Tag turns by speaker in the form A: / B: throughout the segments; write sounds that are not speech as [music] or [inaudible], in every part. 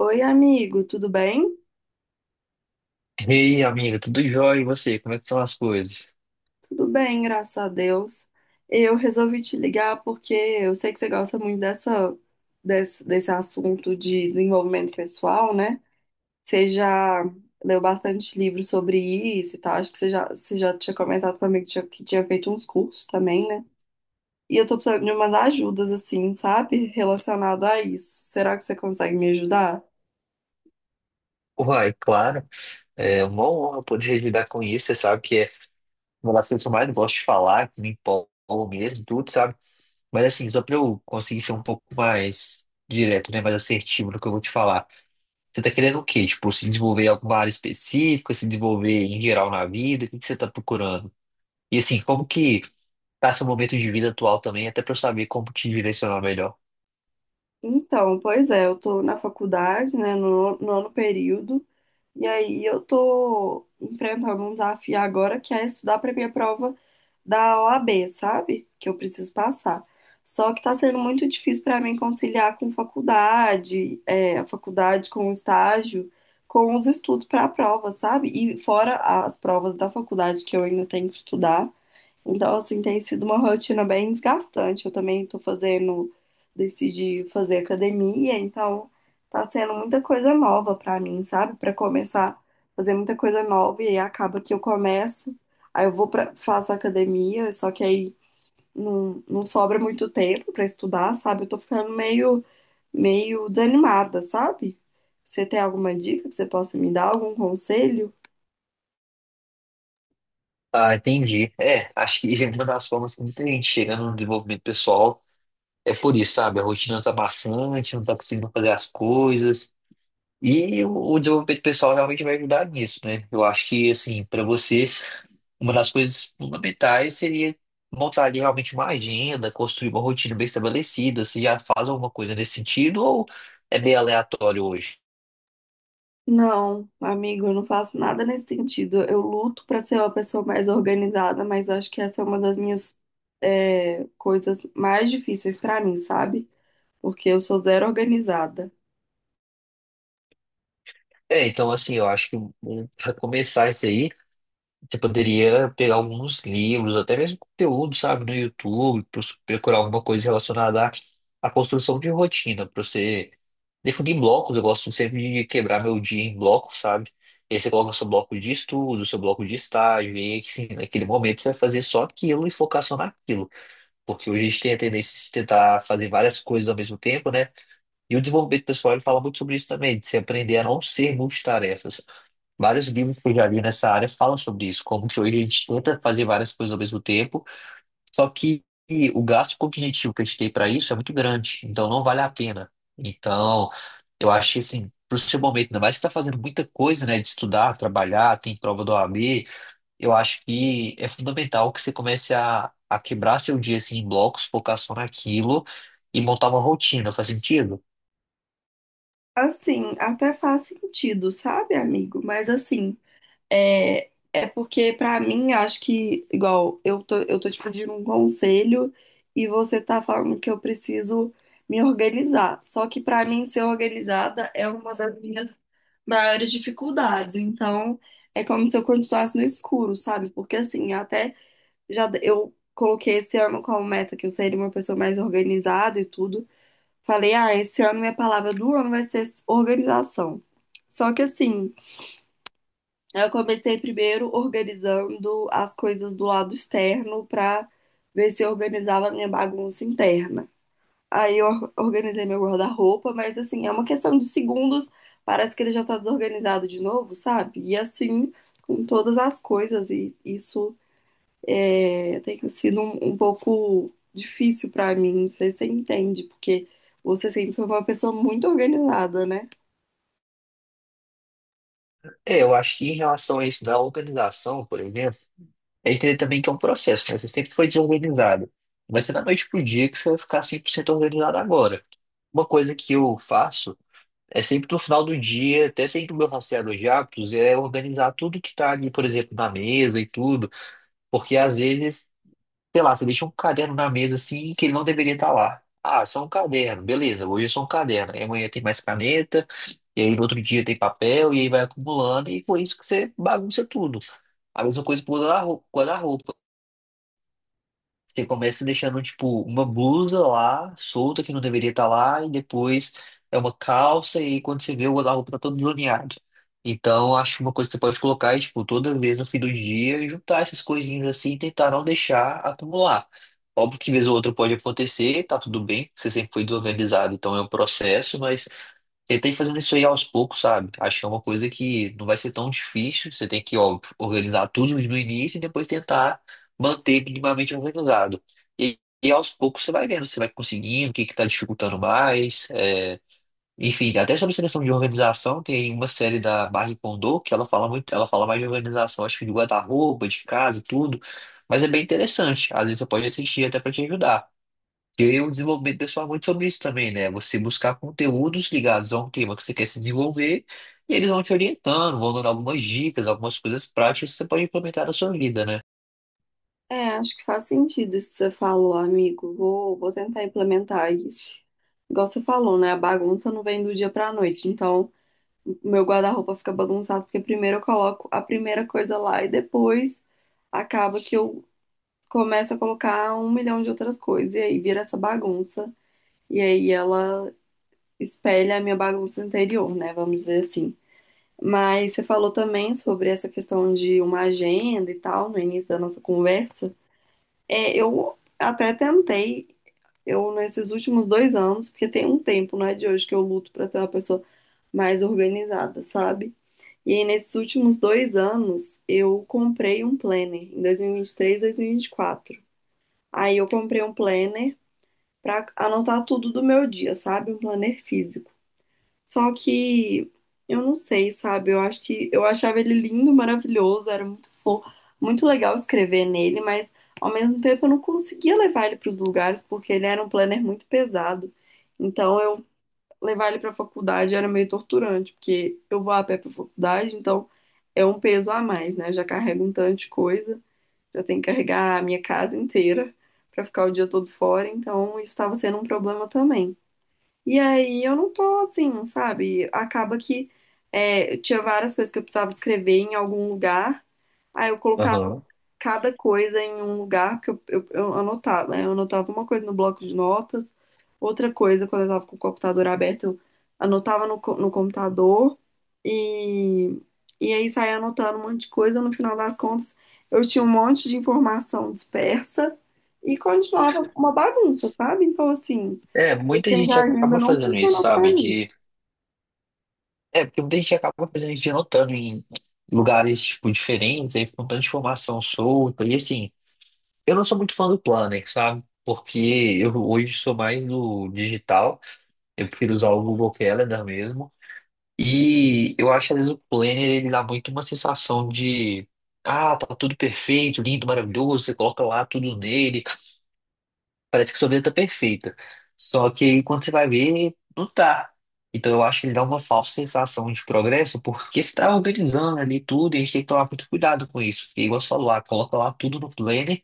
A: Oi, amigo, tudo bem?
B: Ei, amiga, tudo jóia? E você? Como é que estão as coisas?
A: Tudo bem, graças a Deus. Eu resolvi te ligar porque eu sei que você gosta muito desse assunto de desenvolvimento pessoal, né? Você já leu bastante livro sobre isso e tal. Acho que você já tinha comentado comigo que tinha feito uns cursos também, né? E eu tô precisando de umas ajudas, assim, sabe? Relacionado a isso. Será que você consegue me ajudar?
B: Uai, claro, é uma honra poder ajudar com isso. Você sabe que é uma das coisas que eu mais gosto de falar, que me empolgo mesmo, tudo, sabe? Mas assim, só pra eu conseguir ser um pouco mais direto, né? Mais assertivo no que eu vou te falar. Você tá querendo o quê? Tipo, se desenvolver em alguma área específica, se desenvolver em geral na vida? O que que você tá procurando? E assim, como que tá seu momento de vida atual também, até pra eu saber como te direcionar melhor?
A: Então, pois é, eu tô na faculdade, né, no nono período. E aí eu tô enfrentando um desafio agora que é estudar para minha prova da OAB, sabe? Que eu preciso passar. Só que tá sendo muito difícil para mim conciliar com faculdade, a faculdade com o estágio, com os estudos para a prova, sabe? E fora as provas da faculdade que eu ainda tenho que estudar. Então, assim, tem sido uma rotina bem desgastante. Eu também tô fazendo, decidi fazer academia, então tá sendo muita coisa nova pra mim, sabe? Pra começar a fazer muita coisa nova e aí acaba que eu começo, aí eu vou pra, faço academia, só que aí não sobra muito tempo pra estudar, sabe? Eu tô ficando meio desanimada, sabe? Você tem alguma dica que você possa me dar, algum conselho?
B: Ah, entendi. É, acho que [laughs] uma das formas que muita gente chega no desenvolvimento pessoal é por isso, sabe? A rotina tá bastante, não tá conseguindo fazer as coisas. E o desenvolvimento pessoal realmente vai ajudar nisso, né? Eu acho que, assim, para você, uma das coisas fundamentais seria montar ali realmente uma agenda, construir uma rotina bem estabelecida. Você já faz alguma coisa nesse sentido ou é bem aleatório hoje?
A: Não, amigo, eu não faço nada nesse sentido. Eu luto para ser uma pessoa mais organizada, mas acho que essa é uma das minhas coisas mais difíceis para mim, sabe? Porque eu sou zero organizada.
B: É, então, assim, eu acho que para começar isso aí. Você poderia pegar alguns livros, até mesmo conteúdo, sabe, no YouTube, procurar alguma coisa relacionada à construção de rotina, para você definir blocos. Eu gosto sempre de quebrar meu dia em blocos, sabe? E aí você coloca o seu bloco de estudo, seu bloco de estágio, e aí, sim, naquele momento você vai fazer só aquilo e focar só naquilo. Porque hoje a gente tem a tendência de tentar fazer várias coisas ao mesmo tempo, né? E o desenvolvimento pessoal ele fala muito sobre isso também, de você aprender a não ser multitarefas. Vários livros que eu já li nessa área falam sobre isso, como que hoje a gente tenta fazer várias coisas ao mesmo tempo, só que o gasto cognitivo que a gente tem para isso é muito grande, então não vale a pena. Então, eu acho que assim, para o seu momento, ainda mais se está fazendo muita coisa, né, de estudar, trabalhar, tem prova do OAB, eu acho que é fundamental que você comece a quebrar seu dia assim, em blocos, focar só naquilo e montar uma rotina. Faz sentido?
A: Assim, até faz sentido, sabe, amigo? Mas assim, é porque para mim, acho que, igual, eu tô te pedindo um conselho e você tá falando que eu preciso me organizar. Só que para mim, ser organizada é uma das minhas maiores dificuldades. Então, é como se eu continuasse no escuro, sabe? Porque assim, até já eu coloquei esse ano como meta que eu seria uma pessoa mais organizada e tudo. Falei, ah, esse ano minha palavra do ano vai ser organização. Só que assim, eu comecei primeiro organizando as coisas do lado externo pra ver se eu organizava a minha bagunça interna. Aí eu organizei meu guarda-roupa, mas assim, é uma questão de segundos, parece que ele já tá desorganizado de novo, sabe? E assim, com todas as coisas, e isso é, tem sido um pouco difícil pra mim, não sei se você entende, porque você sempre foi uma pessoa muito organizada, né?
B: É, eu acho que em relação a isso da organização, por exemplo, é entender também que é um processo, né? Você sempre foi desorganizado. Não vai ser da noite pro dia que você vai ficar 100% organizado agora. Uma coisa que eu faço é sempre no final do dia, até dentro do meu rastreador de hábitos, é organizar tudo que tá ali, por exemplo, na mesa e tudo, porque às vezes, sei lá, você deixa um caderno na mesa assim que ele não deveria estar lá. Ah, só um caderno, beleza, hoje é só um caderno. Aí amanhã tem mais caneta, e aí no outro dia tem papel, e aí vai acumulando, e com isso que você bagunça tudo. A mesma coisa com o guarda-roupa. Você começa deixando, tipo, uma blusa lá, solta, que não deveria estar lá, e depois é uma calça, e quando você vê, o guarda-roupa tá todo zoneado. Então, acho que uma coisa que você pode colocar é, tipo, toda vez no fim do dia, juntar essas coisinhas assim e tentar não deixar acumular. Óbvio que vez ou outra pode acontecer, tá tudo bem, você sempre foi desorganizado, então é um processo, mas ele tem fazendo isso aí aos poucos, sabe? Acho que é uma coisa que não vai ser tão difícil. Você tem que, ó, organizar tudo no início e depois tentar manter minimamente organizado. E aos poucos você vai vendo, você vai conseguindo, o que que tá dificultando mais. É. Enfim, até sobre seleção de organização, tem uma série da Marie Kondo que ela fala muito, ela fala mais de organização, acho que de guarda-roupa, de casa e tudo. Mas é bem interessante. Às vezes você pode assistir até para te ajudar. E o desenvolvimento pessoal é muito sobre isso também, né? Você buscar conteúdos ligados a um tema que você quer se desenvolver e eles vão te orientando, vão dando algumas dicas, algumas coisas práticas que você pode implementar na sua vida, né?
A: É, acho que faz sentido isso que você falou, amigo. Vou tentar implementar isso. Igual você falou, né? A bagunça não vem do dia pra noite, então, meu guarda-roupa fica bagunçado, porque primeiro eu coloco a primeira coisa lá e depois acaba que eu começo a colocar um milhão de outras coisas. E aí vira essa bagunça. E aí ela espelha a minha bagunça interior, né? Vamos dizer assim. Mas você falou também sobre essa questão de uma agenda e tal, no início da nossa conversa. É, eu até tentei, eu nesses últimos 2 anos, porque tem um tempo, não é de hoje, que eu luto pra ser uma pessoa mais organizada, sabe? E aí, nesses últimos 2 anos, eu comprei um planner, em 2023, 2024. Aí, eu comprei um planner para anotar tudo do meu dia, sabe? Um planner físico. Só que eu não sei, sabe? Eu acho que eu achava ele lindo, maravilhoso, era muito fofo, muito legal escrever nele, mas ao mesmo tempo eu não conseguia levar ele para os lugares porque ele era um planner muito pesado. Então, eu levar ele para a faculdade era meio torturante, porque eu vou a pé para a faculdade, então é um peso a mais, né? Já carrego um tanto de coisa, já tenho que carregar a minha casa inteira para ficar o dia todo fora, então isso estava sendo um problema também. E aí eu não tô assim, sabe? Acaba que tinha várias coisas que eu precisava escrever em algum lugar, aí eu colocava
B: Aham.
A: cada coisa em um lugar, porque eu anotava, né? Eu anotava uma coisa no bloco de notas, outra coisa quando eu estava com o computador aberto, eu anotava no computador e, e aí saía anotando um monte de coisa. No final das contas, eu tinha um monte de informação dispersa e continuava uma bagunça, sabe? Então, assim,
B: É,
A: esse
B: muita
A: trem
B: gente
A: da
B: acaba
A: agenda não
B: fazendo isso,
A: funcionou para
B: sabe?
A: mim.
B: De... É, porque muita gente acaba fazendo isso de anotando em lugares, tipo, diferentes, aí fica um tanto de informação solta. E assim, eu não sou muito fã do Planner, sabe? Porque eu hoje sou mais do digital, eu prefiro usar o Google Calendar mesmo. E eu acho que às vezes o planner ele dá muito uma sensação de ah, tá tudo perfeito, lindo, maravilhoso, você coloca lá tudo nele, parece que sua vida tá perfeita. Só que aí, quando você vai ver, não tá. Então eu acho que ele dá uma falsa sensação de progresso, porque você tá organizando ali tudo, e a gente tem que tomar muito cuidado com isso. Porque igual você falou, ah, coloca lá tudo no planner,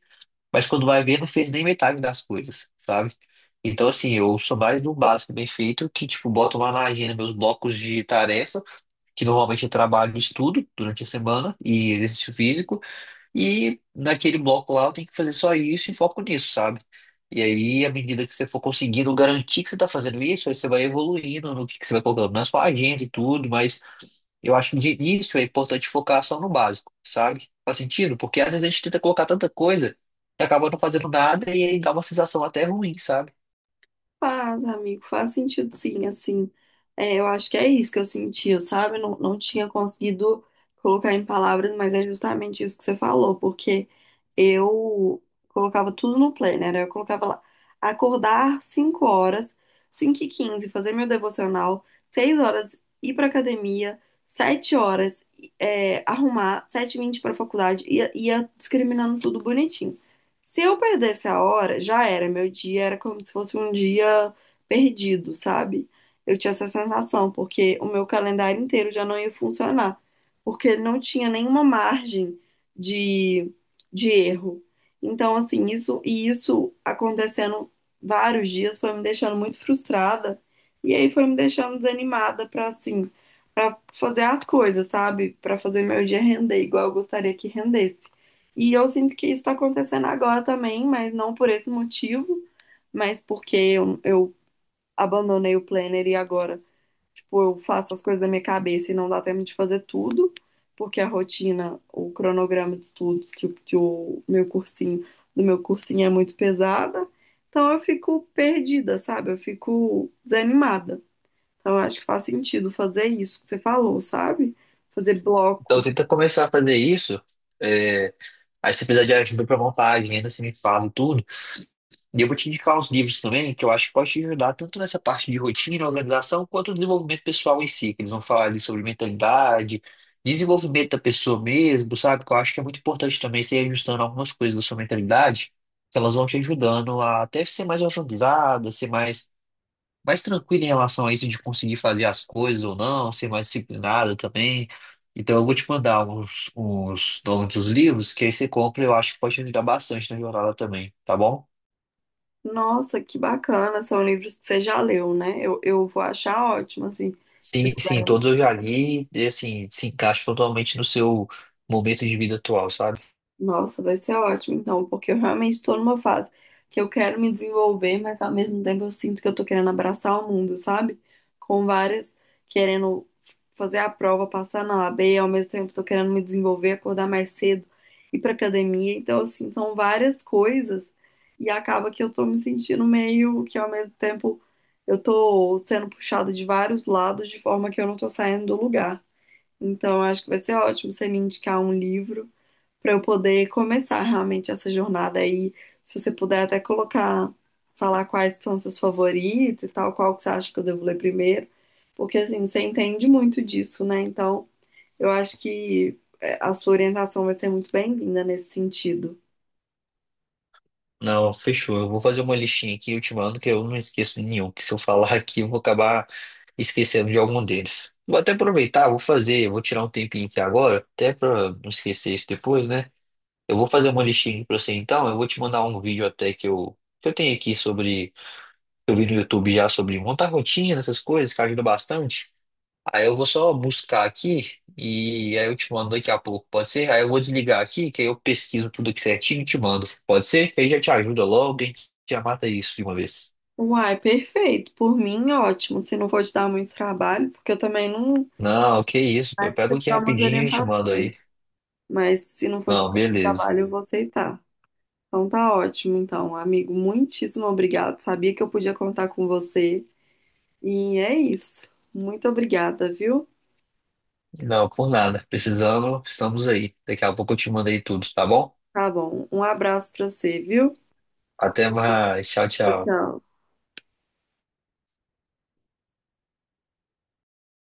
B: mas quando vai ver, não fez nem metade das coisas, sabe? Então, assim, eu sou mais do básico bem feito, que, tipo, boto lá na agenda meus blocos de tarefas que normalmente eu trabalho e estudo durante a semana e exercício físico, e naquele bloco lá eu tenho que fazer só isso e foco nisso, sabe? E aí, à medida que você for conseguindo garantir que você está fazendo isso, aí você vai evoluindo no que você vai colocando na sua agenda e tudo, mas eu acho que de início é importante focar só no básico, sabe? Faz sentido? Porque às vezes a gente tenta colocar tanta coisa que acaba não fazendo nada e aí dá uma sensação até ruim, sabe?
A: Faz, amigo, faz sentido sim, assim, eu acho que é isso que eu sentia, sabe? Não tinha conseguido colocar em palavras, mas é justamente isso que você falou, porque eu colocava tudo no planner, eu colocava lá, acordar 5 horas, cinco e 15, fazer meu devocional, 6 horas ir pra academia, 7 horas arrumar, sete e 20 pra faculdade, ia discriminando tudo bonitinho. Se eu perdesse a hora, já era. Meu dia era como se fosse um dia perdido, sabe? Eu tinha essa sensação, porque o meu calendário inteiro já não ia funcionar, porque ele não tinha nenhuma margem de, de erro. Então, assim, isso e isso acontecendo vários dias foi me deixando muito frustrada e aí foi me deixando desanimada para assim, para fazer as coisas, sabe? Para fazer meu dia render igual eu gostaria que rendesse. E eu sinto que isso está acontecendo agora também, mas não por esse motivo, mas porque eu abandonei o planner e agora, tipo, eu faço as coisas da minha cabeça e não dá tempo de fazer tudo, porque a rotina, o cronograma de estudos que, que o meu cursinho, do meu cursinho é muito pesada. Então eu fico perdida, sabe? Eu fico desanimada. Então eu acho que faz sentido fazer isso que você falou, sabe? Fazer
B: Então
A: blocos.
B: tenta começar a fazer isso. é, Aí se precisar de ajuda para montar a agenda, você me fala e tudo. E eu vou te indicar uns livros também que eu acho que pode te ajudar tanto nessa parte de rotina, organização, quanto no desenvolvimento pessoal em si, que eles vão falar ali sobre mentalidade, desenvolvimento da pessoa mesmo, sabe? Que eu acho que é muito importante também você ir ajustando algumas coisas da sua mentalidade, que elas vão te ajudando a até ser mais organizada, ser mais, mais tranquilo em relação a isso de conseguir fazer as coisas ou não, ser mais disciplinada também. Então eu vou te mandar uns nomes dos livros que aí você compra e eu acho que pode te ajudar bastante na jornada também, tá bom?
A: Nossa, que bacana. São livros que você já leu, né? Eu vou achar ótimo, assim.
B: Sim, sim, todos eu já li e assim, se encaixa totalmente no seu momento de vida atual, sabe?
A: Nossa, vai ser ótimo, então, porque eu realmente estou numa fase que eu quero me desenvolver, mas ao mesmo tempo eu sinto que eu tô querendo abraçar o mundo, sabe? Com várias, querendo fazer a prova, passar na AB, ao mesmo tempo tô querendo me desenvolver, acordar mais cedo, ir pra academia. Então, assim, são várias coisas e acaba que eu tô me sentindo meio que ao mesmo tempo eu tô sendo puxada de vários lados de forma que eu não tô saindo do lugar. Então, eu acho que vai ser ótimo você me indicar um livro para eu poder começar realmente essa jornada aí. Se você puder até colocar, falar quais são seus favoritos e tal, qual que você acha que eu devo ler primeiro, porque assim, você entende muito disso, né? Então, eu acho que a sua orientação vai ser muito bem-vinda nesse sentido.
B: Não, fechou. Eu vou fazer uma listinha aqui, eu te mando, que eu não esqueço de nenhum, que se eu falar [laughs] aqui eu vou acabar esquecendo de algum deles. Vou até aproveitar, vou fazer, vou tirar um tempinho aqui agora, até pra não esquecer isso depois, né? Eu vou fazer uma listinha pra você então, eu vou te mandar um vídeo até que eu tenho aqui sobre, que eu vi no YouTube já sobre montar rotina, essas coisas, que ajuda bastante. Aí eu vou só buscar aqui e aí eu te mando daqui a pouco, pode ser? Aí eu vou desligar aqui, que aí eu pesquiso tudo aqui certinho e te mando. Pode ser? Que aí já te ajuda logo, a gente já mata isso de uma vez.
A: Uai, perfeito. Por mim, ótimo. Se não for te dar muito trabalho, porque eu também não.
B: Não, que isso, pô, eu
A: Mas
B: pego
A: você
B: aqui
A: dá umas
B: rapidinho e te mando
A: orientações.
B: aí.
A: Mas se não for te
B: Não,
A: dar muito
B: beleza.
A: trabalho, eu vou aceitar. Então tá ótimo, então, amigo. Muitíssimo obrigado. Sabia que eu podia contar com você. E é isso. Muito obrigada, viu?
B: Não, por nada. Precisando, estamos aí. Daqui a pouco eu te mando aí tudo, tá bom?
A: Tá bom. Um abraço pra você, viu?
B: Até mais. Tchau,
A: Tchau,
B: tchau.
A: tchau.